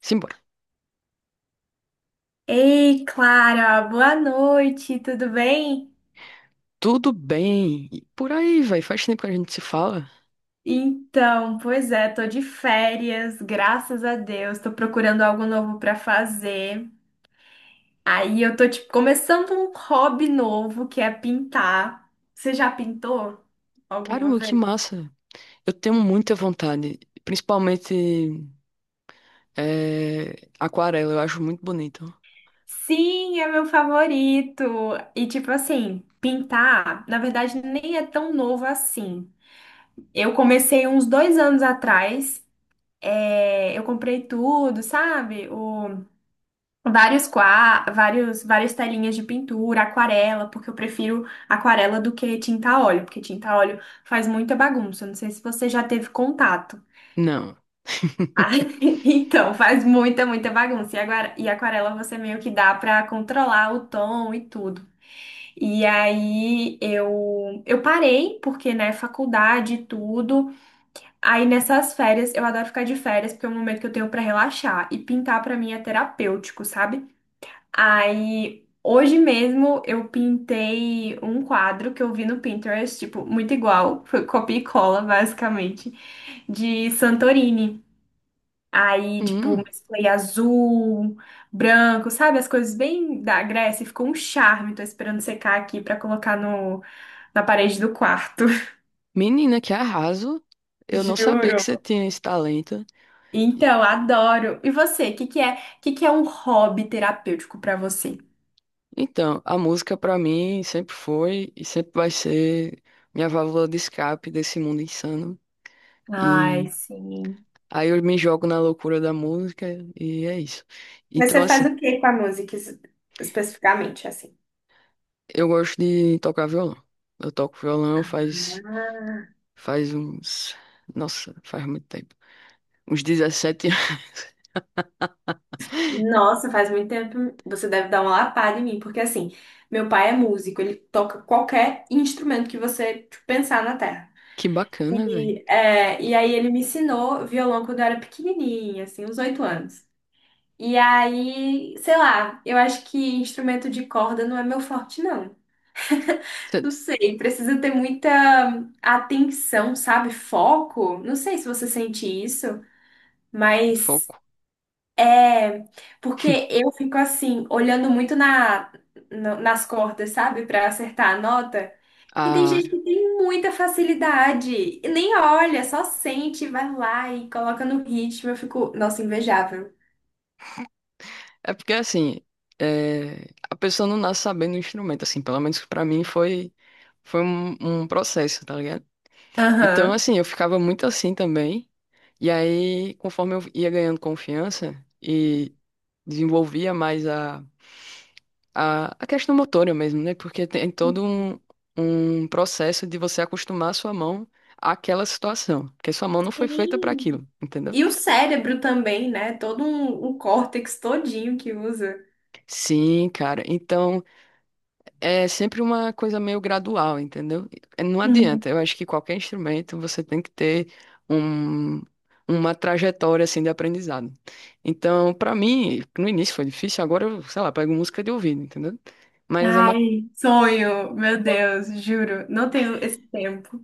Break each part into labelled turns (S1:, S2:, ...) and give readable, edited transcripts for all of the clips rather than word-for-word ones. S1: Simbora.
S2: Ei, Clara, boa noite, tudo bem?
S1: Tudo bem? E por aí, vai. Faz tempo que a gente se fala.
S2: Então, pois é, tô de férias, graças a Deus, tô procurando algo novo pra fazer. Aí eu tô tipo começando um hobby novo, que é pintar. Você já pintou alguma
S1: Caramba, que
S2: vez?
S1: massa. Eu tenho muita vontade. Principalmente aquarela, eu acho muito bonito.
S2: Sim, é meu favorito. E tipo assim, pintar, na verdade, nem é tão novo assim. Eu comecei uns 2 anos atrás. Eu comprei tudo, sabe? O Vários qua, vários, várias telinhas de pintura, aquarela, porque eu prefiro aquarela do que tinta a óleo, porque tinta a óleo faz muita bagunça. Não sei se você já teve contato.
S1: Não.
S2: Ah, então, faz muita, muita bagunça. E, agora, e aquarela você meio que dá pra controlar o tom e tudo. E aí eu parei, porque, né, faculdade e tudo. Aí nessas férias, eu adoro ficar de férias, porque é o momento que eu tenho pra relaxar. E pintar pra mim é terapêutico, sabe? Aí, hoje mesmo eu pintei um quadro que eu vi no Pinterest, tipo, muito igual, foi copia e cola, basicamente, de Santorini. Aí, tipo,
S1: Hum,
S2: mesclei azul, branco, sabe? As coisas bem da Grécia, e ficou um charme. Tô esperando secar aqui pra colocar no, na parede do quarto.
S1: menina, que arraso. Eu não sabia que você
S2: Juro.
S1: tinha esse talento. E-
S2: Então, adoro. E você, o que que é um hobby terapêutico pra você?
S1: Então, a música pra mim sempre foi e sempre vai ser minha válvula de escape desse mundo insano.
S2: Ai,
S1: E
S2: sim.
S1: aí eu me jogo na loucura da música e é isso.
S2: Mas
S1: Então,
S2: você faz
S1: assim.
S2: o que com a música especificamente, assim?
S1: Eu gosto de tocar violão. Eu toco violão faz,
S2: Ah,
S1: faz uns. Nossa, faz muito tempo. Uns 17 anos.
S2: nossa, faz muito tempo. Você deve dar uma lapada em mim, porque assim, meu pai é músico, ele toca qualquer instrumento que você tipo, pensar na terra.
S1: Que bacana, velho.
S2: E aí ele me ensinou violão quando eu era pequenininha, assim, uns 8 anos. E aí, sei lá, eu acho que instrumento de corda não é meu forte, não. Não sei, precisa ter muita atenção, sabe? Foco. Não sei se você sente isso. Mas
S1: Foco.
S2: é porque eu fico assim, olhando muito nas cordas, sabe, pra acertar a nota. E tem
S1: Ah,
S2: gente que tem muita facilidade, e nem olha, só sente, vai lá e coloca no ritmo. Eu fico, nossa, invejável.
S1: é porque assim, é, a pessoa não nasce sabendo o instrumento, assim, pelo menos pra mim foi um, um processo, tá ligado? Então,
S2: Aham.
S1: assim, eu ficava muito assim também. E aí, conforme eu ia ganhando confiança e desenvolvia mais a questão motora mesmo, né? Porque tem todo um, um processo de você acostumar a sua mão àquela situação, porque sua mão não foi feita para
S2: Sim.
S1: aquilo, entendeu?
S2: E o cérebro também, né? Todo um córtex todinho que usa.
S1: Sim, cara. Então é sempre uma coisa meio gradual, entendeu? É, não
S2: Hum.
S1: adianta. Eu acho que qualquer instrumento você tem que ter um, uma trajetória assim de aprendizado. Então, para mim, no início foi difícil, agora eu, sei lá, pego música de ouvido, entendeu? Mas é uma.
S2: Ai, sonho, meu Deus, juro, não tenho esse tempo.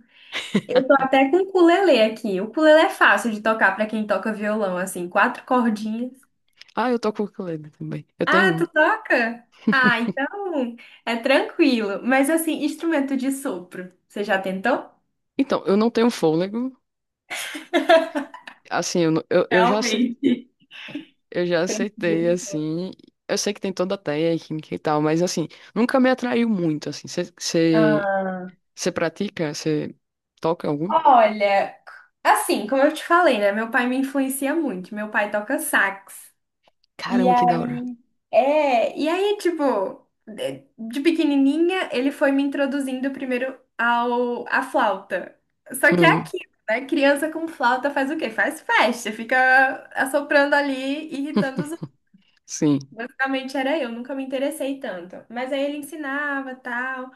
S2: Eu tô até com o ukulele aqui. O ukulele é fácil de tocar pra quem toca violão, assim, quatro cordinhas.
S1: Ah, eu toco ukulele também. Eu
S2: Ah,
S1: tenho um.
S2: tu toca? Ah, então é tranquilo. Mas assim, instrumento de sopro, você já tentou?
S1: Então, eu não tenho fôlego. Assim, eu, não-
S2: Realmente.
S1: eu já aceitei, assim. Eu sei que tem toda a técnica e tal, mas assim, nunca me atraiu muito, assim. Você
S2: Ah,
S1: pratica? Você toca algum?
S2: olha, assim, como eu te falei, né? Meu pai me influencia muito. Meu pai toca sax. E
S1: Caramba, que da hora.
S2: e aí, tipo, de pequenininha, ele foi me introduzindo primeiro à flauta. Só que é
S1: Hum,
S2: aquilo, né? Criança com flauta faz o quê? Faz festa, fica assoprando ali, irritando os outros.
S1: sim.
S2: Basicamente era eu, nunca me interessei tanto. Mas aí ele ensinava, tal.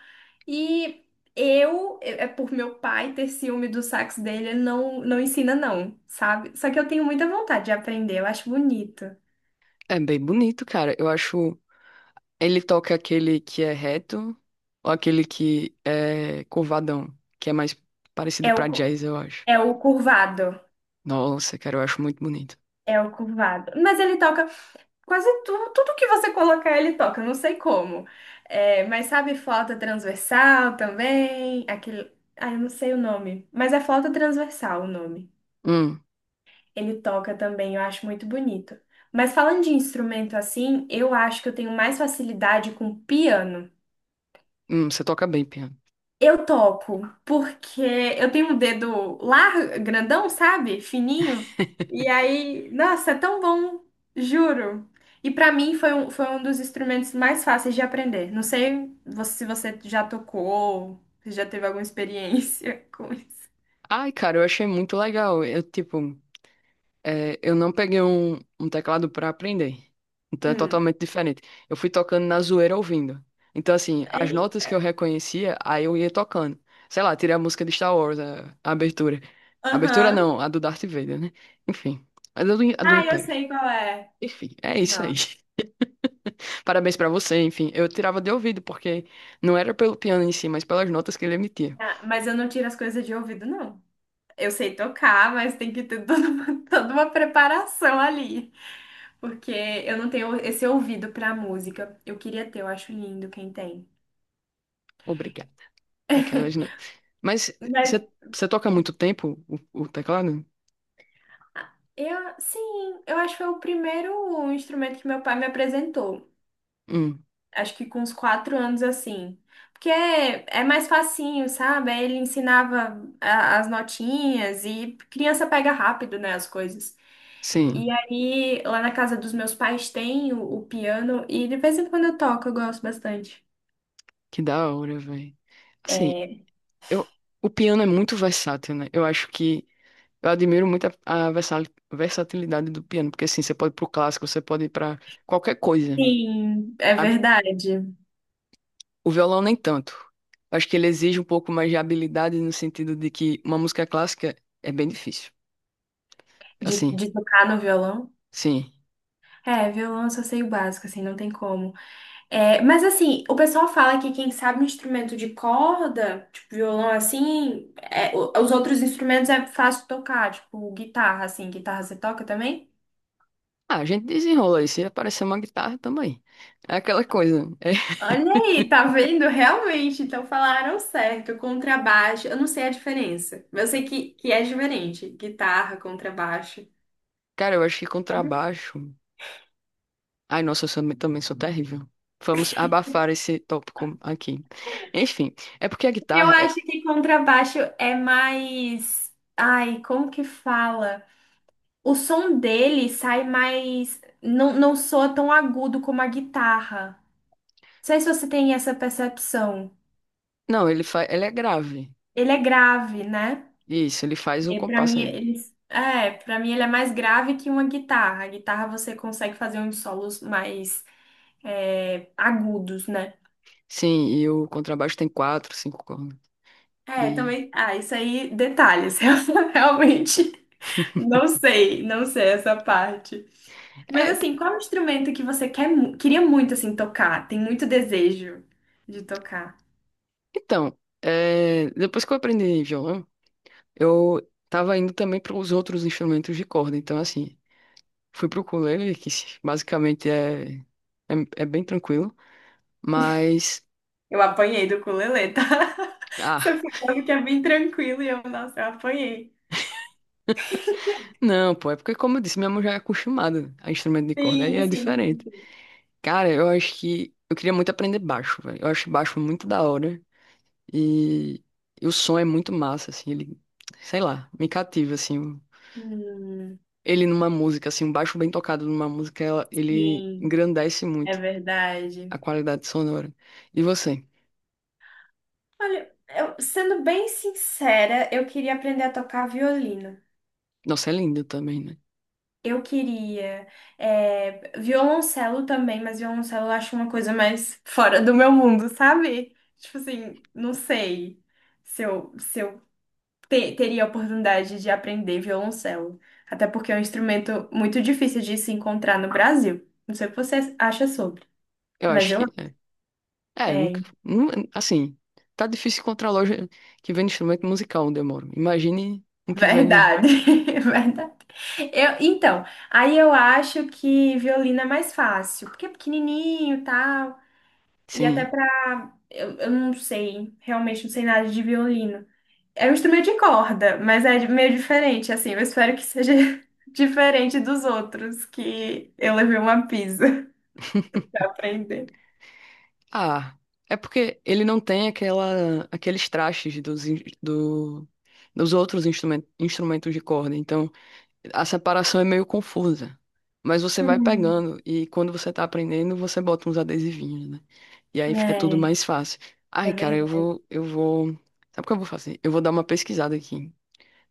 S2: E eu, é é por meu pai ter ciúme do sax dele, ele não ensina não, sabe? Só que eu tenho muita vontade de aprender, eu acho bonito.
S1: É bem bonito, cara. Eu acho. Ele toca aquele que é reto ou aquele que é curvadão, que é mais parecido
S2: É o,
S1: pra
S2: cu-
S1: jazz, eu acho.
S2: É o curvado.
S1: Nossa, cara, eu acho muito bonito.
S2: É o curvado. Mas ele toca quase tudo, tudo que você colocar, ele toca, eu não sei como. É, mas sabe flauta transversal também? Aquele. Ah, eu não sei o nome. Mas é flauta transversal o nome.
S1: Hum,
S2: Ele toca também, eu acho muito bonito. Mas falando de instrumento assim, eu acho que eu tenho mais facilidade com piano.
S1: você toca bem piano.
S2: Eu toco, porque eu tenho um dedo largo, grandão, sabe? Fininho. E aí, nossa, é tão bom, juro. E pra mim foi um dos instrumentos mais fáceis de aprender. Não sei se você já tocou, se já teve alguma experiência com isso.
S1: Ai, cara, eu achei muito legal. Eu, tipo. É, eu não peguei um, um teclado para aprender. Então é
S2: Hum.
S1: totalmente diferente. Eu fui tocando na zoeira ouvindo. Então, assim, as
S2: Ei.
S1: notas que eu reconhecia, aí eu ia tocando. Sei lá, tirei a música de Star Wars, a abertura. Abertura
S2: Aham.
S1: não, a do Darth Vader, né? Enfim, a do, a do
S2: Ah, eu
S1: Império.
S2: sei qual é.
S1: Enfim, é isso aí.
S2: Não.
S1: Parabéns pra você, enfim. Eu tirava de ouvido, porque não era pelo piano em si, mas pelas notas que ele emitia.
S2: Ah, mas eu não tiro as coisas de ouvido, não. Eu sei tocar, mas tem que ter toda uma, toda uma preparação ali. Porque eu não tenho esse ouvido pra música. Eu queria ter, eu acho lindo quem tem.
S1: Obrigada. Aquelas, né? Mas
S2: Mas
S1: você toca há muito tempo o teclado?
S2: eu, sim, eu acho que foi o primeiro instrumento que meu pai me apresentou.
S1: Hum,
S2: Acho que com uns 4 anos assim. Porque é mais facinho, sabe? Aí ele ensinava as notinhas e criança pega rápido, né, as coisas. E
S1: sim.
S2: aí, lá na casa dos meus pais tem o piano e de vez em quando eu toco, eu gosto bastante.
S1: Que da hora, velho. Assim,
S2: É,
S1: eu, o piano é muito versátil, né? Eu acho que eu admiro muito a versatilidade do piano, porque assim, você pode ir pro clássico, você pode ir pra qualquer coisa.
S2: sim, é
S1: A-
S2: verdade.
S1: O violão nem tanto. Eu acho que ele exige um pouco mais de habilidade no sentido de que uma música clássica é bem difícil.
S2: De,
S1: Assim,
S2: de tocar no violão?
S1: sim.
S2: É, violão eu só sei o básico, assim, não tem como. É, mas assim, o pessoal fala que quem sabe um instrumento de corda, tipo violão assim, os outros instrumentos é fácil tocar, tipo guitarra, assim, guitarra você toca também?
S1: Ah, a gente desenrola aí. Se aparecer uma guitarra, tamo aí. É aquela coisa.
S2: Olha aí, tá vendo? Realmente, então falaram certo. Contrabaixo, eu não sei a diferença, mas eu sei que é diferente, guitarra, contrabaixo.
S1: Cara, eu acho que contrabaixo. Ai, nossa, também sou terrível. Vamos abafar esse tópico aqui. Enfim, é porque a
S2: Eu
S1: guitarra é...
S2: acho que contrabaixo é mais. Ai, como que fala? O som dele sai mais. Não, não soa tão agudo como a guitarra. Não sei se você tem essa percepção.
S1: Não, ela é grave.
S2: Ele é grave, né?
S1: Isso, ele faz o
S2: E para
S1: compasso
S2: mim,
S1: aí.
S2: ele... É, para mim ele é mais grave que uma guitarra. A guitarra você consegue fazer uns solos mais agudos, né?
S1: Sim, e o contrabaixo tem quatro, cinco cordas.
S2: É,
S1: E...
S2: também. Ah, isso aí, detalhes. Eu realmente não sei essa parte. Mas
S1: É,
S2: assim, qual é o instrumento que você queria muito assim tocar? Tem muito desejo de tocar.
S1: então, é, depois que eu aprendi violão, eu tava indo também para os outros instrumentos de corda. Então, assim, fui pro ukulele, que basicamente é bem tranquilo. Mas...
S2: Eu apanhei do ukulele, tá?
S1: Ah,
S2: Você falou que é bem tranquilo e eu, nossa, eu apanhei.
S1: não, pô, é porque, como eu disse, minha mão já é acostumada a instrumento de corda, aí
S2: Sim,
S1: é
S2: sim.
S1: diferente. Cara, eu acho que eu queria muito aprender baixo, velho. Eu acho baixo muito da hora e, e o som é muito massa, assim, ele, sei lá, me cativa, assim.
S2: Hum,
S1: Ele numa música, assim, um baixo bem tocado numa música, ele
S2: sim,
S1: engrandece
S2: é
S1: muito
S2: verdade.
S1: a qualidade sonora. E você?
S2: Olha, eu, sendo bem sincera, eu queria aprender a tocar violino.
S1: Nossa, é lindo também, né?
S2: Eu queria. Violoncelo também, mas violoncelo eu acho uma coisa mais fora do meu mundo, sabe? Tipo assim, não sei se eu teria a oportunidade de aprender violoncelo. Até porque é um instrumento muito difícil de se encontrar no Brasil. Não sei o que você acha sobre,
S1: Eu
S2: mas
S1: acho que
S2: eu.
S1: é. É,
S2: É,
S1: assim, tá difícil encontrar loja que vende instrumento musical onde eu moro. Imagine um que vende.
S2: verdade, verdade. Eu, então, aí eu acho que violino é mais fácil, porque é pequenininho tal. E até
S1: Sim.
S2: pra. Eu não sei, realmente não sei nada de violino. É um instrumento de corda, mas é meio diferente, assim. Eu espero que seja diferente dos outros, que eu levei uma pisa pra aprender.
S1: Ah, é porque ele não tem aquela, aqueles trastes dos dos outros instrumentos de corda. Então, a separação é meio confusa. Mas você vai
S2: Hum.
S1: pegando e quando você tá aprendendo, você bota uns adesivinhos, né? E aí fica tudo
S2: É,
S1: mais fácil.
S2: é
S1: Ai, cara, eu
S2: verdade.
S1: vou, eu vou. Sabe o que eu vou fazer? Eu vou dar uma pesquisada aqui.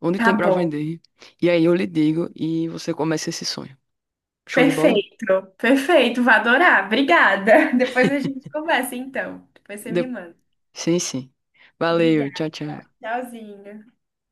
S1: Onde
S2: Tá
S1: tem pra
S2: bom.
S1: vender? E aí eu lhe digo e você começa esse sonho. Show de bola?
S2: Perfeito, perfeito. Vou adorar. Obrigada. Depois a gente conversa, então. Depois você me
S1: De-
S2: manda.
S1: Sim, sim. Valeu,
S2: Obrigada.
S1: tchau, tchau.
S2: Tchauzinho.